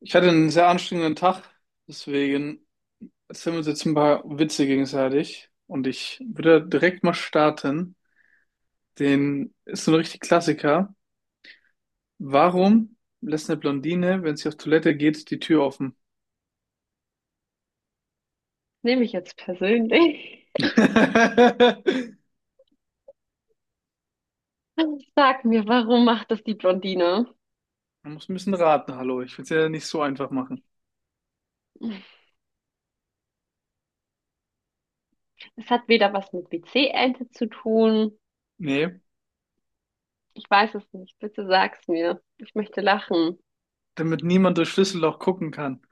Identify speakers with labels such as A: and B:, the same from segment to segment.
A: Ich hatte einen sehr anstrengenden Tag, deswegen erzählen wir uns jetzt ein paar Witze gegenseitig. Und ich würde direkt mal starten. Den ist so ein richtig Klassiker. Warum lässt eine Blondine, wenn sie auf Toilette geht, die Tür offen?
B: Nehme ich jetzt persönlich.
A: Man
B: Sag mir, warum macht das die Blondine?
A: muss ein bisschen raten, hallo. Ich will es ja nicht so einfach machen.
B: Es hat weder was mit WC-Ente zu tun.
A: Nee,
B: Ich weiß es nicht. Bitte sag's mir. Ich möchte lachen.
A: damit niemand durchs Schlüsselloch gucken kann.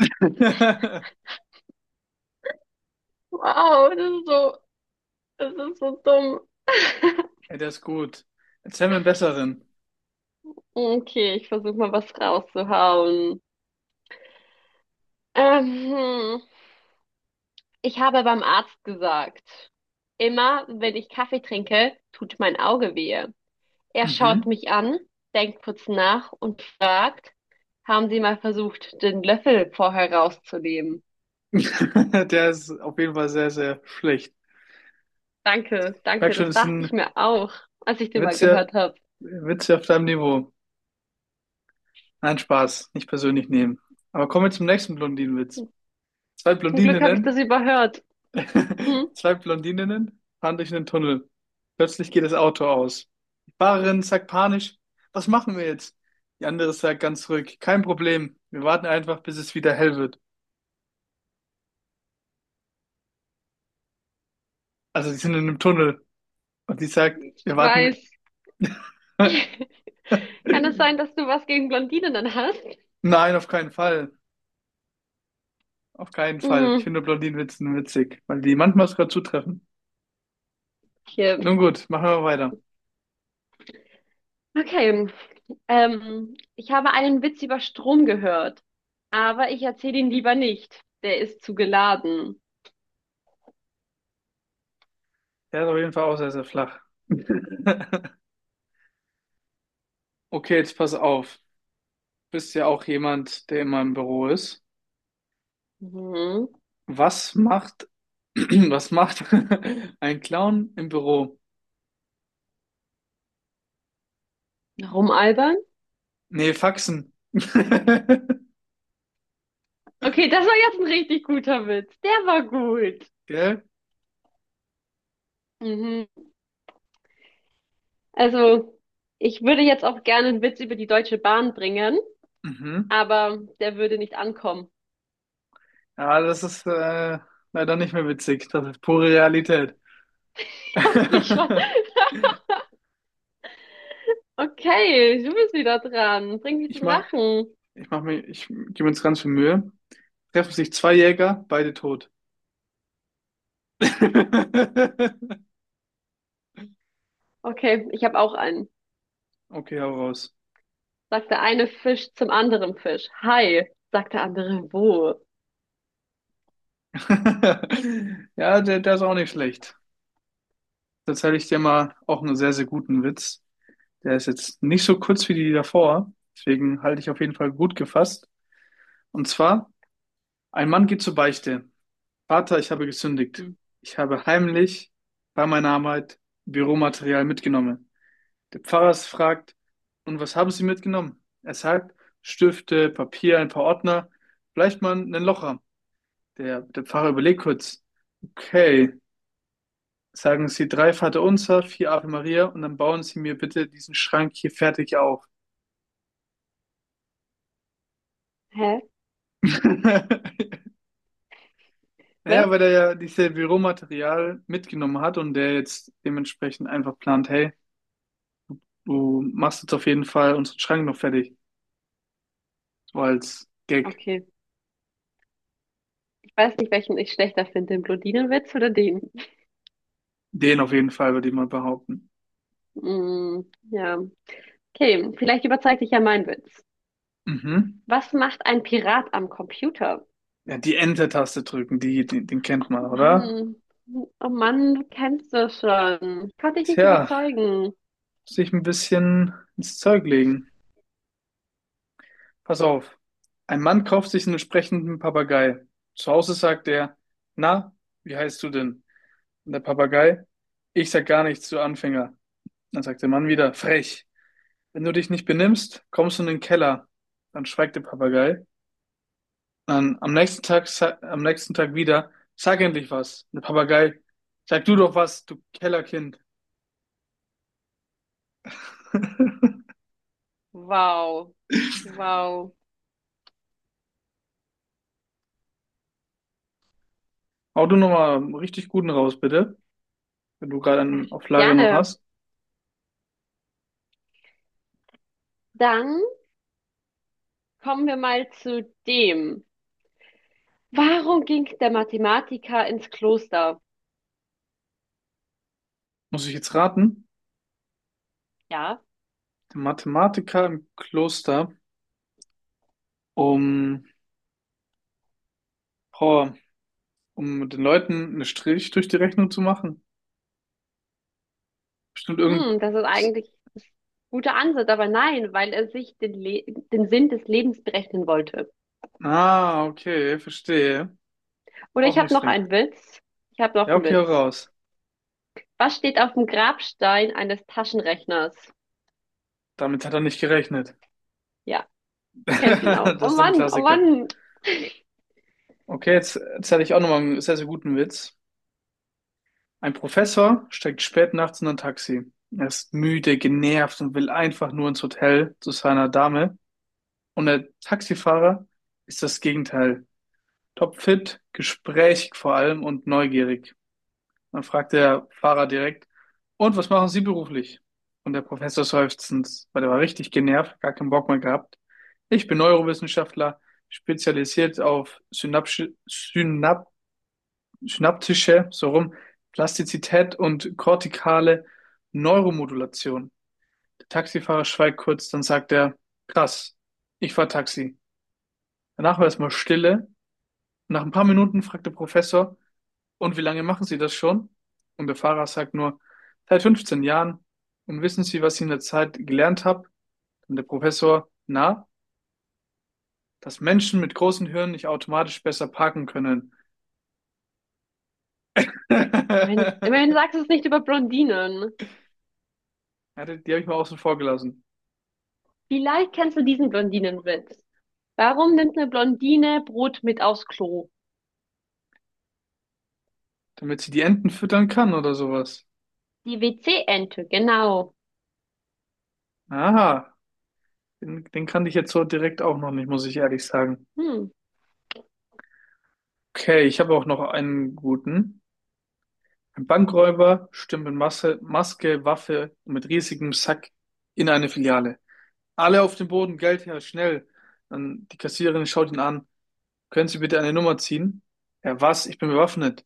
B: Wow, das ist so dumm.
A: Ey, der ist gut. Erzähl mir einen besseren.
B: Okay, ich versuche mal was rauszuhauen. Ähm, hm. Ich habe beim Arzt gesagt, immer wenn ich Kaffee trinke, tut mein Auge weh. Er schaut
A: Mhm.
B: mich an, denkt kurz nach und fragt, haben Sie mal versucht, den Löffel vorher rauszunehmen?
A: Der ist auf jeden Fall sehr, sehr schlecht.
B: Danke,
A: Ich merke
B: danke,
A: schon,
B: das
A: es
B: dachte ich
A: sind
B: mir auch, als ich den mal
A: Witze,
B: gehört habe.
A: Witze auf deinem Niveau. Nein, Spaß, nicht persönlich nehmen. Aber kommen wir zum nächsten Blondinenwitz. Zwei
B: Zum Glück habe ich das
A: Blondininnen,
B: überhört. Hm?
A: zwei Blondininnen fahren durch einen Tunnel. Plötzlich geht das Auto aus. Die Fahrerin sagt panisch, was machen wir jetzt? Die andere sagt ganz ruhig, kein Problem, wir warten einfach, bis es wieder hell wird. Also sie sind in einem Tunnel und die sagt, wir
B: Ich
A: warten mit.
B: weiß. Kann es sein, dass du was gegen Blondinen hast?
A: Nein, auf keinen Fall. Auf keinen Fall. Ich
B: Hm,
A: finde Blondinenwitze witzig, weil die manchmal sogar zutreffen.
B: hier.
A: Nun gut, machen wir weiter.
B: Okay. Ich habe einen Witz über Strom gehört, aber ich erzähle ihn lieber nicht. Der ist zu geladen.
A: Der ist auf jeden Fall auch sehr, sehr flach. Okay, jetzt pass auf. Bist ja auch jemand, der immer im Büro ist.
B: Mhm.
A: Was macht, was macht ein Clown im Büro?
B: Warum, Alba?
A: Nee, Faxen.
B: Okay, das war jetzt ein richtig guter Witz. Der war gut.
A: Gell?
B: Mhm. Also, ich würde jetzt auch gerne einen Witz über die Deutsche Bahn bringen,
A: Mhm.
B: aber der würde nicht ankommen.
A: Ja, das ist leider nicht mehr witzig. Das ist pure Realität.
B: Ich hab mich schon. Okay, du bist wieder dran. Bring mich
A: Ich
B: zum
A: mach,
B: Lachen.
A: Ich gebe mir jetzt ganz viel Mühe. Treffen sich zwei Jäger, beide tot.
B: Okay, ich habe auch einen.
A: Okay, hau raus.
B: Sagt der eine Fisch zum anderen Fisch. Hi, sagt der andere wo?
A: Ja, der ist auch nicht schlecht. Da erzähle ich dir mal auch einen sehr, sehr guten Witz. Der ist jetzt nicht so kurz wie die davor, deswegen halte ich auf jeden Fall gut gefasst. Und zwar, ein Mann geht zur Beichte. Vater, ich habe gesündigt.
B: Hm.
A: Ich habe heimlich bei meiner Arbeit Büromaterial mitgenommen. Der Pfarrer fragt, und was haben Sie mitgenommen? Er sagt, Stifte, Papier, ein paar Ordner, vielleicht mal einen Locher. Der Pfarrer überlegt kurz, okay. Sagen Sie drei Vaterunser, vier Ave Maria und dann bauen Sie mir bitte diesen Schrank hier fertig auf.
B: Hä? Was?
A: Naja, weil er ja dieses Büromaterial mitgenommen hat und der jetzt dementsprechend einfach plant, hey, du machst jetzt auf jeden Fall unseren Schrank noch fertig. So als Gag.
B: Okay. Ich weiß nicht, welchen ich schlechter finde, den Blondinenwitz oder den.
A: Den auf jeden Fall, würde ich mal behaupten.
B: Hm, ja. Okay, vielleicht überzeigt dich ja mein Witz.
A: Mhm.
B: Was macht ein Pirat am Computer?
A: Ja, die Enter-Taste drücken, den kennt
B: Ach
A: man, oder?
B: Mann, oh Mann, du kennst das schon. Ich konnte dich nicht
A: Tja,
B: überzeugen.
A: muss ich ein bisschen ins Zeug legen. Pass auf. Ein Mann kauft sich einen sprechenden Papagei. Zu Hause sagt er, na, wie heißt du denn? Und der Papagei, ich sag gar nichts, du Anfänger. Dann sagt der Mann wieder, frech. Wenn du dich nicht benimmst, kommst du in den Keller. Dann schweigt der Papagei. Dann am nächsten Tag, am nächsten Tag wieder, sag endlich was. Und der Papagei, sag du doch was, du Kellerkind.
B: Wow, wow.
A: Hau du nochmal einen richtig guten raus, bitte. Wenn du gerade
B: Ach,
A: einen auf Lager noch
B: gerne.
A: hast.
B: Dann kommen wir mal zu dem. Warum ging der Mathematiker ins Kloster?
A: Muss ich jetzt raten?
B: Ja,
A: Der Mathematiker im Kloster, um, boah, um den Leuten einen Strich durch die Rechnung zu machen. Bestimmt irgend.
B: hm, das ist eigentlich ein guter Ansatz, aber nein, weil er sich den, Le den Sinn des Lebens berechnen wollte.
A: Ah, okay, verstehe.
B: Oder
A: Auch
B: ich habe
A: nicht
B: noch
A: schlecht.
B: einen Witz. Ich habe noch
A: Ja,
B: einen
A: okay, hau
B: Witz.
A: raus.
B: Was steht auf dem Grabstein eines Taschenrechners?
A: Damit hat er nicht gerechnet.
B: Ja, du kennst ihn auch.
A: Das
B: Oh
A: ist so ein
B: Mann, oh
A: Klassiker.
B: Mann.
A: Okay, jetzt erzähle ich auch nochmal einen sehr, sehr guten Witz. Ein Professor steigt spät nachts in ein Taxi. Er ist müde, genervt und will einfach nur ins Hotel zu seiner Dame. Und der Taxifahrer ist das Gegenteil. Topfit, gesprächig vor allem und neugierig. Dann fragt der Fahrer direkt, und was machen Sie beruflich? Und der Professor seufzend, weil der war richtig genervt, gar keinen Bock mehr gehabt. Ich bin Neurowissenschaftler, spezialisiert auf synaptische, so rum, Plastizität und kortikale Neuromodulation. Der Taxifahrer schweigt kurz, dann sagt er, krass, ich fahr Taxi. Danach war erstmal Stille. Nach ein paar Minuten fragt der Professor, und wie lange machen Sie das schon? Und der Fahrer sagt nur, seit 15 Jahren. Und wissen Sie, was ich in der Zeit gelernt habe? Und der Professor, na, dass Menschen mit großen Hirnen nicht automatisch besser parken können.
B: Immerhin, immerhin sagst du es nicht über Blondinen.
A: Ja, die habe ich mal außen vor gelassen.
B: Vielleicht kennst du diesen Blondinenwitz. Warum nimmt eine Blondine Brot mit aufs Klo?
A: Damit sie die Enten füttern kann oder sowas.
B: Die WC-Ente, genau.
A: Aha, den kannte ich jetzt so direkt auch noch nicht, muss ich ehrlich sagen.
B: Hm.
A: Okay, ich habe auch noch einen guten. Ein Bankräuber stürmt mit Masse, Maske, Waffe und mit riesigem Sack in eine Filiale. Alle auf den Boden, Geld her, schnell. Dann die Kassiererin schaut ihn an. Können Sie bitte eine Nummer ziehen? Er, was? Ich bin bewaffnet.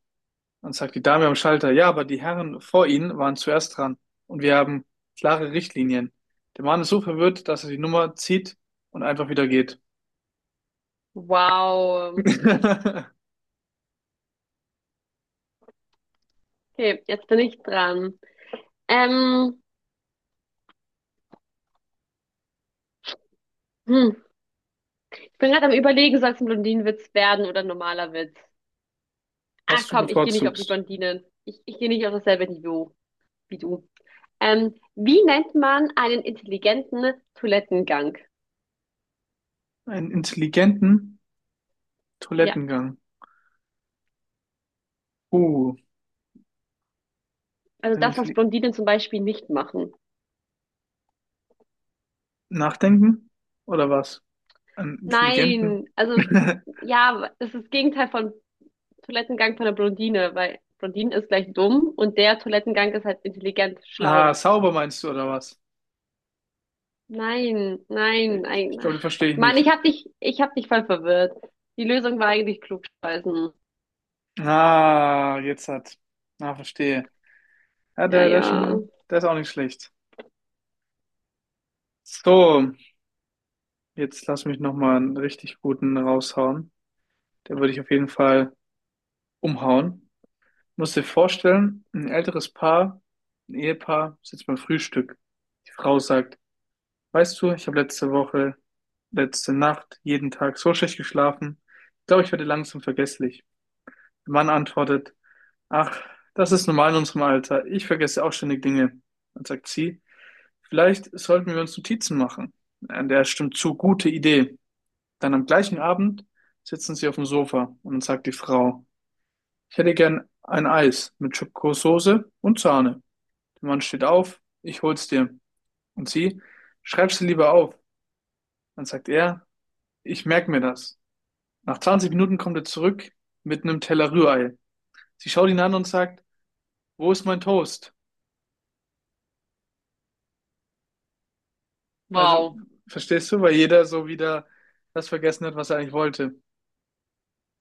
A: Dann sagt die Dame am Schalter, ja, aber die Herren vor Ihnen waren zuerst dran und wir haben klare Richtlinien. Der Mann ist so verwirrt, dass er die Nummer zieht und einfach wieder geht.
B: Wow. Okay, jetzt bin ich dran. Ähm, hm. Ich bin gerade am Überlegen, soll es ein Blondinenwitz werden oder ein normaler Witz? Ah,
A: Was du
B: komm, ich gehe nicht auf die
A: bevorzugst?
B: Blondinen. Ich gehe nicht auf dasselbe Niveau wie du. Wie nennt man einen intelligenten Toilettengang?
A: Einen intelligenten
B: Ja,
A: Toilettengang. Uh,
B: also
A: ein
B: das, was
A: Intelli
B: Blondinen zum Beispiel nicht machen.
A: nachdenken? Oder was? Einen intelligenten?
B: Nein, also ja, das ist das Gegenteil von Toilettengang von der Blondine, weil Blondine ist gleich dumm und der Toilettengang ist halt intelligent,
A: Ah,
B: schlau.
A: sauber meinst du, oder was?
B: Nein, nein,
A: Ich
B: nein.
A: glaube, den
B: Ach,
A: verstehe ich
B: Mann,
A: nicht.
B: ich hab dich voll verwirrt. Die Lösung war eigentlich klugscheißen.
A: Ah, jetzt hat. Ah, verstehe. Ja,
B: Ja,
A: der ist
B: ja.
A: schon, der ist auch nicht schlecht. So, jetzt lass mich nochmal einen richtig guten raushauen. Den würde ich auf jeden Fall umhauen. Musst dir vorstellen, ein älteres Paar, ein Ehepaar, sitzt beim Frühstück. Die Frau sagt, weißt du, ich habe letzte Nacht, jeden Tag so schlecht geschlafen. Ich glaube, ich werde langsam vergesslich. Der Mann antwortet, ach, das ist normal in unserem Alter. Ich vergesse auch ständig Dinge. Dann sagt sie, vielleicht sollten wir uns Notizen machen. An der stimmt zu, gute Idee. Dann am gleichen Abend sitzen sie auf dem Sofa und dann sagt die Frau, ich hätte gern ein Eis mit Schokosoße und Sahne. Der Mann steht auf, ich hol's dir. Und sie, schreib's sie lieber auf. Dann sagt er, ich merk mir das. Nach 20 Minuten kommt er zurück mit einem Teller Rührei. Sie schaut ihn an und sagt, wo ist mein Toast? Also,
B: Wow.
A: verstehst du, weil jeder so wieder das vergessen hat, was er eigentlich wollte.